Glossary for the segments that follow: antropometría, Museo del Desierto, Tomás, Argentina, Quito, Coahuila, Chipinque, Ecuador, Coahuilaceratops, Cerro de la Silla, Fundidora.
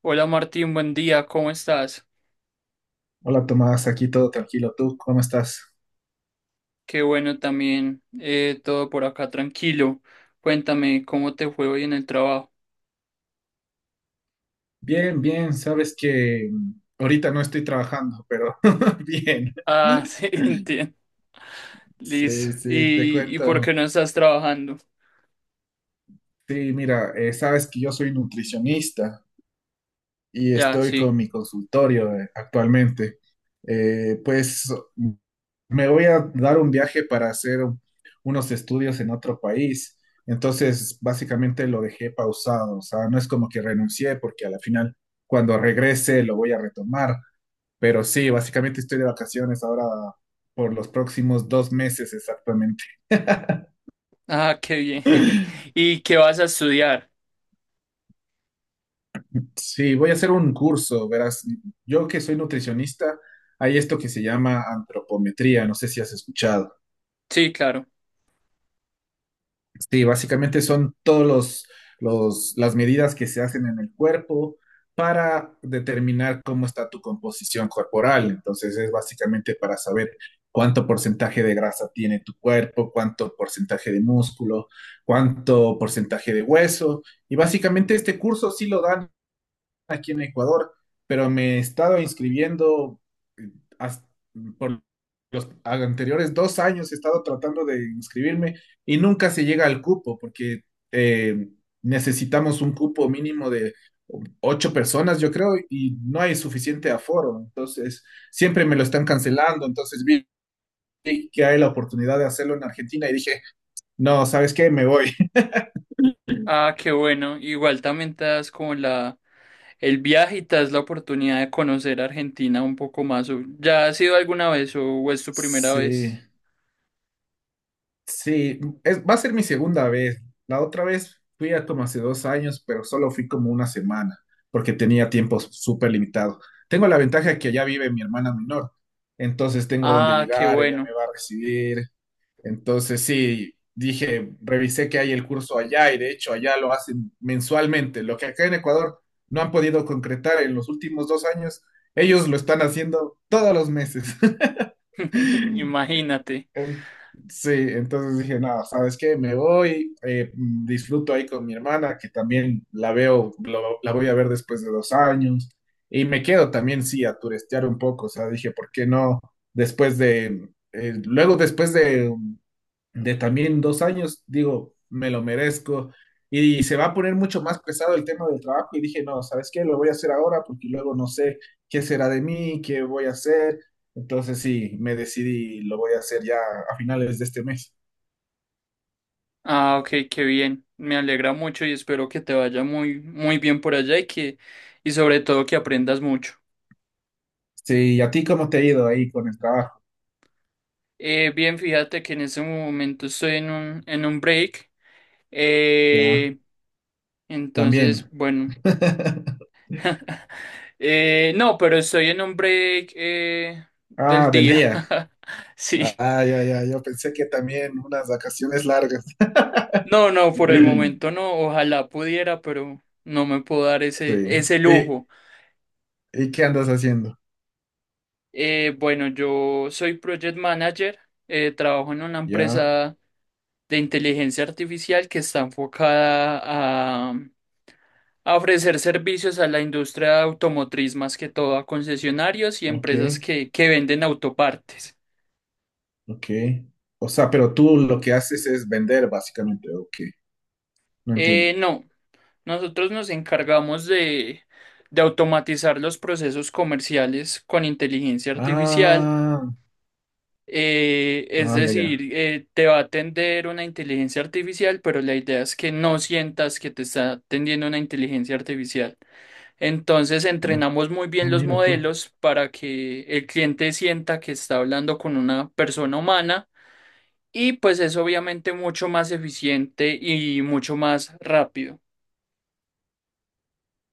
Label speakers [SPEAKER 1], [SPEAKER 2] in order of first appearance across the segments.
[SPEAKER 1] Hola Martín, buen día, ¿cómo estás?
[SPEAKER 2] Hola Tomás, aquí todo tranquilo. ¿Tú cómo estás?
[SPEAKER 1] Qué bueno también, todo por acá tranquilo. Cuéntame, ¿cómo te fue hoy en el trabajo?
[SPEAKER 2] Bien, bien. Sabes que ahorita no estoy trabajando, pero bien.
[SPEAKER 1] Ah, sí, entiendo. Listo.
[SPEAKER 2] Sí, sí, te
[SPEAKER 1] ¿Y por qué
[SPEAKER 2] cuento.
[SPEAKER 1] no estás trabajando?
[SPEAKER 2] Sí, mira, sabes que yo soy nutricionista. Y
[SPEAKER 1] Ya,
[SPEAKER 2] estoy
[SPEAKER 1] sí.
[SPEAKER 2] con mi consultorio actualmente. Pues me voy a dar un viaje para hacer unos estudios en otro país. Entonces, básicamente lo dejé pausado. O sea, no es como que renuncié porque a la final, cuando regrese, lo voy a retomar. Pero sí, básicamente estoy de vacaciones ahora por los próximos 2 meses exactamente.
[SPEAKER 1] Ah, qué bien. ¿Y qué vas a estudiar?
[SPEAKER 2] Sí, voy a hacer un curso, verás. Yo que soy nutricionista, hay esto que se llama antropometría, no sé si has escuchado.
[SPEAKER 1] Sí, claro.
[SPEAKER 2] Sí, básicamente son todos las medidas que se hacen en el cuerpo para determinar cómo está tu composición corporal. Entonces es básicamente para saber cuánto porcentaje de grasa tiene tu cuerpo, cuánto porcentaje de músculo, cuánto porcentaje de hueso. Y básicamente este curso sí lo dan aquí en Ecuador, pero me he estado inscribiendo eh, hasta- por los anteriores 2 años, he estado tratando de inscribirme y nunca se llega al cupo porque eh, necesitamos un cupo mínimo de 8 personas, yo creo, y no hay suficiente aforo. Entonces, siempre me lo están cancelando. Entonces vi que hay la oportunidad de hacerlo en Argentina y dije, no, ¿sabes qué? Me voy.
[SPEAKER 1] Ah, qué bueno. Igual también te das como el viaje y te das la oportunidad de conocer Argentina un poco más. ¿O ¿Ya has ido alguna vez o es tu primera
[SPEAKER 2] Sí.
[SPEAKER 1] vez?
[SPEAKER 2] Sí, es, va a ser mi segunda vez. La otra vez fui a como hace 2 años, pero solo fui como una semana, porque tenía tiempo súper limitado. Tengo la ventaja que allá vive mi hermana menor, entonces tengo donde
[SPEAKER 1] Ah, qué
[SPEAKER 2] llegar, ella
[SPEAKER 1] bueno.
[SPEAKER 2] me va a recibir. Entonces sí, dije, revisé que hay el curso allá y de hecho allá lo hacen mensualmente, lo que acá en Ecuador no han podido concretar en los últimos 2 años, ellos lo están haciendo todos los meses.
[SPEAKER 1] Imagínate.
[SPEAKER 2] Em, Sí, entonces dije, nada, ¿sabes qué? Me voy, disfruto ahí con mi hermana, que también la veo, la voy a ver después de 2 años, y me quedo también, sí, a turistear un poco, o sea, dije, ¿por qué no? Después de, luego después de también 2 años, digo, me lo merezco. Y se va a poner mucho más pesado el tema del trabajo. Y dije, no, ¿sabes qué? Lo voy a hacer ahora porque luego no sé qué será de mí, qué voy a hacer. Entonces sí, me decidí y lo voy a hacer ya a finales de este mes.
[SPEAKER 1] Ah, ok, qué bien. Me alegra mucho y espero que te vaya muy, muy bien por allá y que, y sobre todo que aprendas mucho.
[SPEAKER 2] Sí, ¿y a ti cómo te ha ido ahí con el trabajo?
[SPEAKER 1] Bien, fíjate que en ese momento estoy en un break.
[SPEAKER 2] Ya,
[SPEAKER 1] Eh, entonces,
[SPEAKER 2] también.
[SPEAKER 1] bueno. No, pero estoy en un break, del
[SPEAKER 2] Ah, del
[SPEAKER 1] día.
[SPEAKER 2] día.
[SPEAKER 1] Sí.
[SPEAKER 2] Ah, ya, ya, yo pensé que también unas vacaciones largas.
[SPEAKER 1] No, no, por el momento no. Ojalá pudiera, pero no me puedo dar
[SPEAKER 2] Sí.
[SPEAKER 1] ese
[SPEAKER 2] ¿Y,
[SPEAKER 1] lujo.
[SPEAKER 2] y qué andas haciendo?
[SPEAKER 1] Bueno, yo soy Project Manager, trabajo en una
[SPEAKER 2] Ya,
[SPEAKER 1] empresa de inteligencia artificial que está enfocada a, a ofrecer servicios a la industria automotriz, más que todo a concesionarios y
[SPEAKER 2] ok.
[SPEAKER 1] empresas que venden autopartes.
[SPEAKER 2] Ok. O sea, pero tú lo que haces es vender, básicamente. Ok. No entiendo.
[SPEAKER 1] No, nosotros nos encargamos de automatizar los procesos comerciales con inteligencia artificial.
[SPEAKER 2] Ah,
[SPEAKER 1] Es
[SPEAKER 2] ah, ya, ya.
[SPEAKER 1] decir, te va a atender una inteligencia artificial, pero la idea es que no sientas que te está atendiendo una inteligencia artificial. Entonces,
[SPEAKER 2] Ah,
[SPEAKER 1] entrenamos muy
[SPEAKER 2] ah,
[SPEAKER 1] bien los
[SPEAKER 2] mira tú.
[SPEAKER 1] modelos para que el cliente sienta que está hablando con una persona humana, y pues es obviamente mucho más eficiente y mucho más rápido.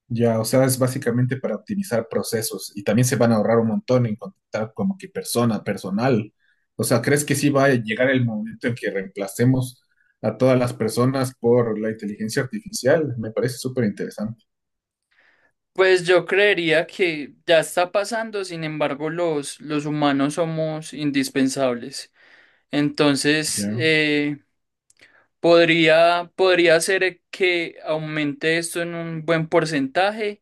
[SPEAKER 2] Ya, o sea, es básicamente para optimizar procesos y también se van a ahorrar un montón en contratar como que personal. O sea, ¿crees que sí va a llegar el momento en que reemplacemos a todas las personas por la inteligencia artificial? Me parece súper interesante.
[SPEAKER 1] Pues yo creería que ya está pasando, sin embargo, los humanos somos indispensables. Entonces,
[SPEAKER 2] Ya,
[SPEAKER 1] podría ser que aumente esto en un buen porcentaje,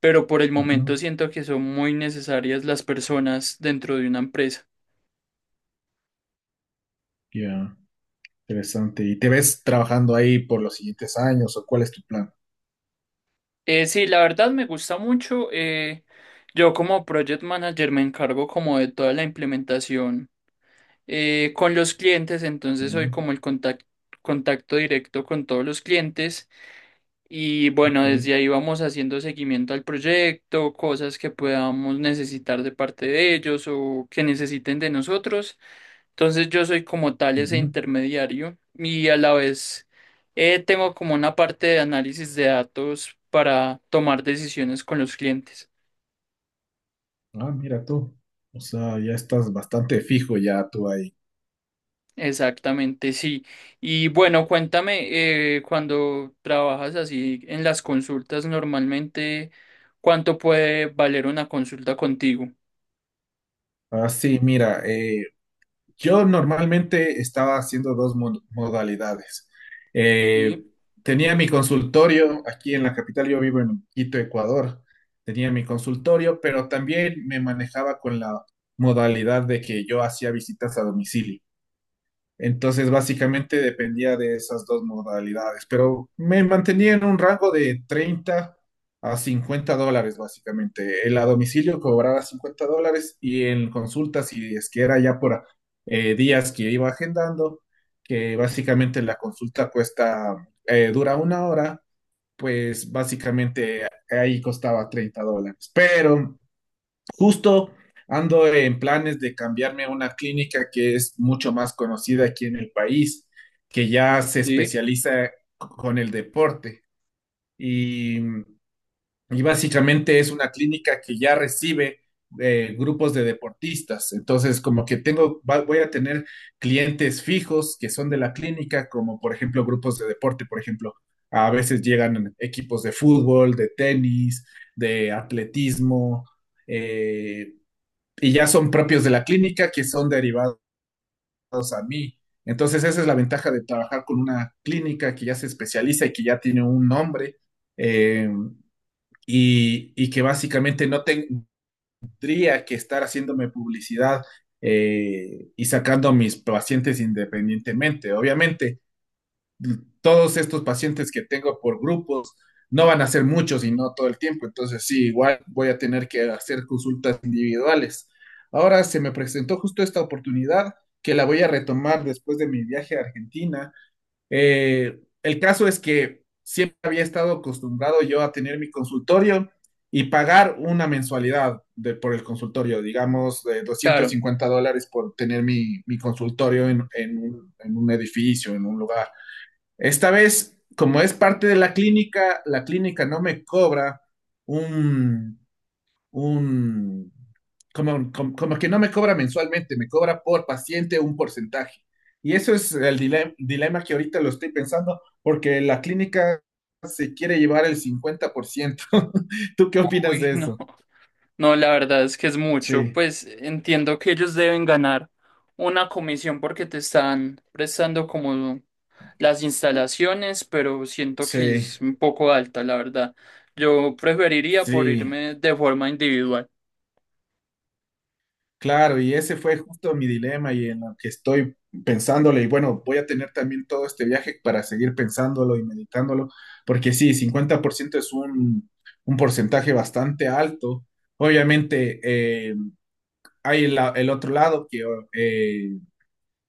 [SPEAKER 1] pero por el momento
[SPEAKER 2] ujú,
[SPEAKER 1] siento que son muy necesarias las personas dentro de una empresa.
[SPEAKER 2] ya, interesante. ¿Y te ves trabajando ahí por los siguientes años o cuál es tu plan?
[SPEAKER 1] Sí, la verdad me gusta mucho. Yo como project manager me encargo como de toda la implementación con los clientes, entonces soy
[SPEAKER 2] Ya.
[SPEAKER 1] como contacto directo con todos los clientes. Y bueno,
[SPEAKER 2] Ok.
[SPEAKER 1] desde ahí vamos haciendo seguimiento al proyecto, cosas que podamos necesitar de parte de ellos o que necesiten de nosotros. Entonces yo soy como tal ese
[SPEAKER 2] Ujú.
[SPEAKER 1] intermediario y a la vez tengo como una parte de análisis de datos para tomar decisiones con los clientes.
[SPEAKER 2] Ah, mira tú. O sea, ya estás bastante fijo ya tú ahí.
[SPEAKER 1] Exactamente, sí. Y bueno, cuéntame, cuando trabajas así en las consultas normalmente, ¿cuánto puede valer una consulta contigo?
[SPEAKER 2] Ah, sí, mira, yo normalmente estaba haciendo dos modalidades. Eh,
[SPEAKER 1] Sí.
[SPEAKER 2] Tenía mi consultorio aquí en la capital, yo vivo en Quito, Ecuador. Tenía mi consultorio, pero también me manejaba con la modalidad de que yo hacía visitas a domicilio. Entonces, básicamente dependía de esas dos modalidades, pero me mantenía en un rango de 30 a 50 dólares, básicamente. El a domicilio cobraba $50 y en consultas si es que era ya por días que iba agendando, que básicamente la consulta cuesta, dura una hora, pues básicamente ahí costaba $30. Pero justo ando en planes de cambiarme a una clínica que es mucho más conocida aquí en el país, que ya se
[SPEAKER 1] Sí.
[SPEAKER 2] especializa con el deporte. Y básicamente es una clínica que ya recibe grupos de deportistas. Entonces, como que tengo, voy a tener clientes fijos que son de la clínica, como por ejemplo grupos de deporte, por ejemplo. A veces llegan equipos de fútbol, de tenis, de atletismo, eh, y ya son propios de la clínica que son derivados a mí. Entonces esa es la ventaja de trabajar con una clínica que ya se especializa y que ya tiene un nombre eh, y, que básicamente no tendría que estar haciéndome publicidad y sacando a mis pacientes independientemente. Obviamente, todos estos pacientes que tengo por grupos no van a ser muchos y no todo el tiempo. Entonces, sí, igual voy a tener que hacer consultas individuales. Ahora se me presentó justo esta oportunidad que la voy a retomar después de mi viaje a Argentina. El caso es que siempre había estado acostumbrado yo a tener mi consultorio y pagar una mensualidad de, por el consultorio, digamos, de
[SPEAKER 1] Claro.
[SPEAKER 2] $250 por tener mi consultorio en un edificio, en un lugar. Esta vez, como es parte de la clínica no me cobra un, un, como que no me cobra mensualmente, me cobra por paciente un porcentaje. Y eso es el dilema, dilema que ahorita lo estoy pensando, porque la clínica se quiere llevar el 50%. ¿Tú qué opinas
[SPEAKER 1] Uy,
[SPEAKER 2] de
[SPEAKER 1] no.
[SPEAKER 2] eso?
[SPEAKER 1] No, la verdad es que es mucho.
[SPEAKER 2] Sí,
[SPEAKER 1] Pues entiendo que ellos deben ganar una comisión porque te están prestando como las instalaciones, pero siento que
[SPEAKER 2] sí,
[SPEAKER 1] es un poco alta, la verdad. Yo preferiría por
[SPEAKER 2] sí.
[SPEAKER 1] irme de forma individual.
[SPEAKER 2] Claro, y ese fue justo mi dilema y en lo que estoy pensándole. Y bueno, voy a tener también todo este viaje para seguir pensándolo y meditándolo, porque sí, 50% es un porcentaje bastante alto. Obviamente, hay el otro lado que eh,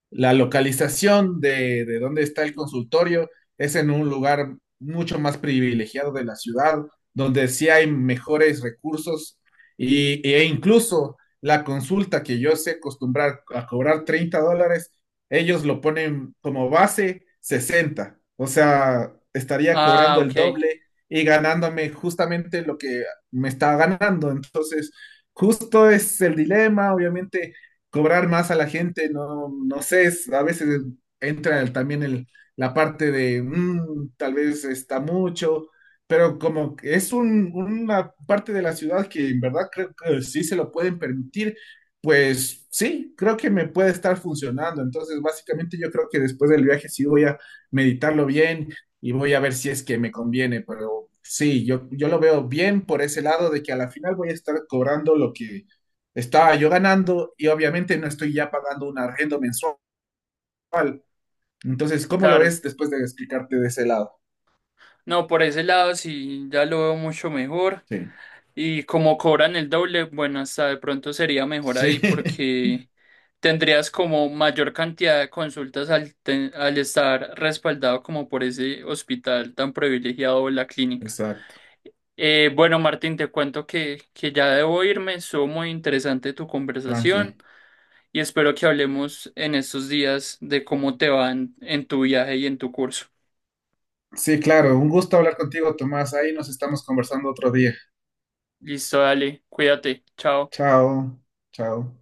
[SPEAKER 2] la localización de dónde está el consultorio es en un lugar mucho más privilegiado de la ciudad, donde sí hay mejores recursos y, e incluso la consulta que yo sé acostumbrar a cobrar $30, ellos lo ponen como base 60. O sea, estaría
[SPEAKER 1] Ah,
[SPEAKER 2] cobrando el
[SPEAKER 1] ok,
[SPEAKER 2] doble y ganándome justamente lo que me estaba ganando. Entonces, justo es el dilema, obviamente cobrar más a la gente, no, no sé, es- a veces entra el- también el, la parte de "Mm, tal vez está mucho, pero como que es un- una parte de la ciudad que en verdad creo que sí se lo pueden permitir, pues sí, creo que me puede estar funcionando. Entonces, básicamente yo creo que después del viaje sí voy a meditarlo bien y voy a ver si es que me conviene, pero sí, yo lo veo bien por ese lado de que a la final voy a estar cobrando lo que estaba yo ganando y obviamente no estoy ya pagando un arriendo mensual. Entonces, ¿cómo lo
[SPEAKER 1] claro.
[SPEAKER 2] ves después de explicarte de ese lado?
[SPEAKER 1] No, por ese lado sí ya lo veo mucho mejor.
[SPEAKER 2] Sí,
[SPEAKER 1] Y como cobran el doble, bueno, hasta de pronto sería mejor ahí
[SPEAKER 2] sí,
[SPEAKER 1] porque tendrías como mayor cantidad de consultas al estar respaldado como por ese hospital tan privilegiado o la clínica.
[SPEAKER 2] exacto,
[SPEAKER 1] Bueno, Martín, te cuento que ya debo irme. Estuvo muy interesante tu
[SPEAKER 2] tranqui.
[SPEAKER 1] conversación y espero que hablemos en estos días de cómo te va en tu viaje y en tu curso.
[SPEAKER 2] Sí, claro, un gusto hablar contigo, Tomás. Ahí nos estamos conversando otro día.
[SPEAKER 1] Listo, dale, cuídate, chao.
[SPEAKER 2] Chao, chao.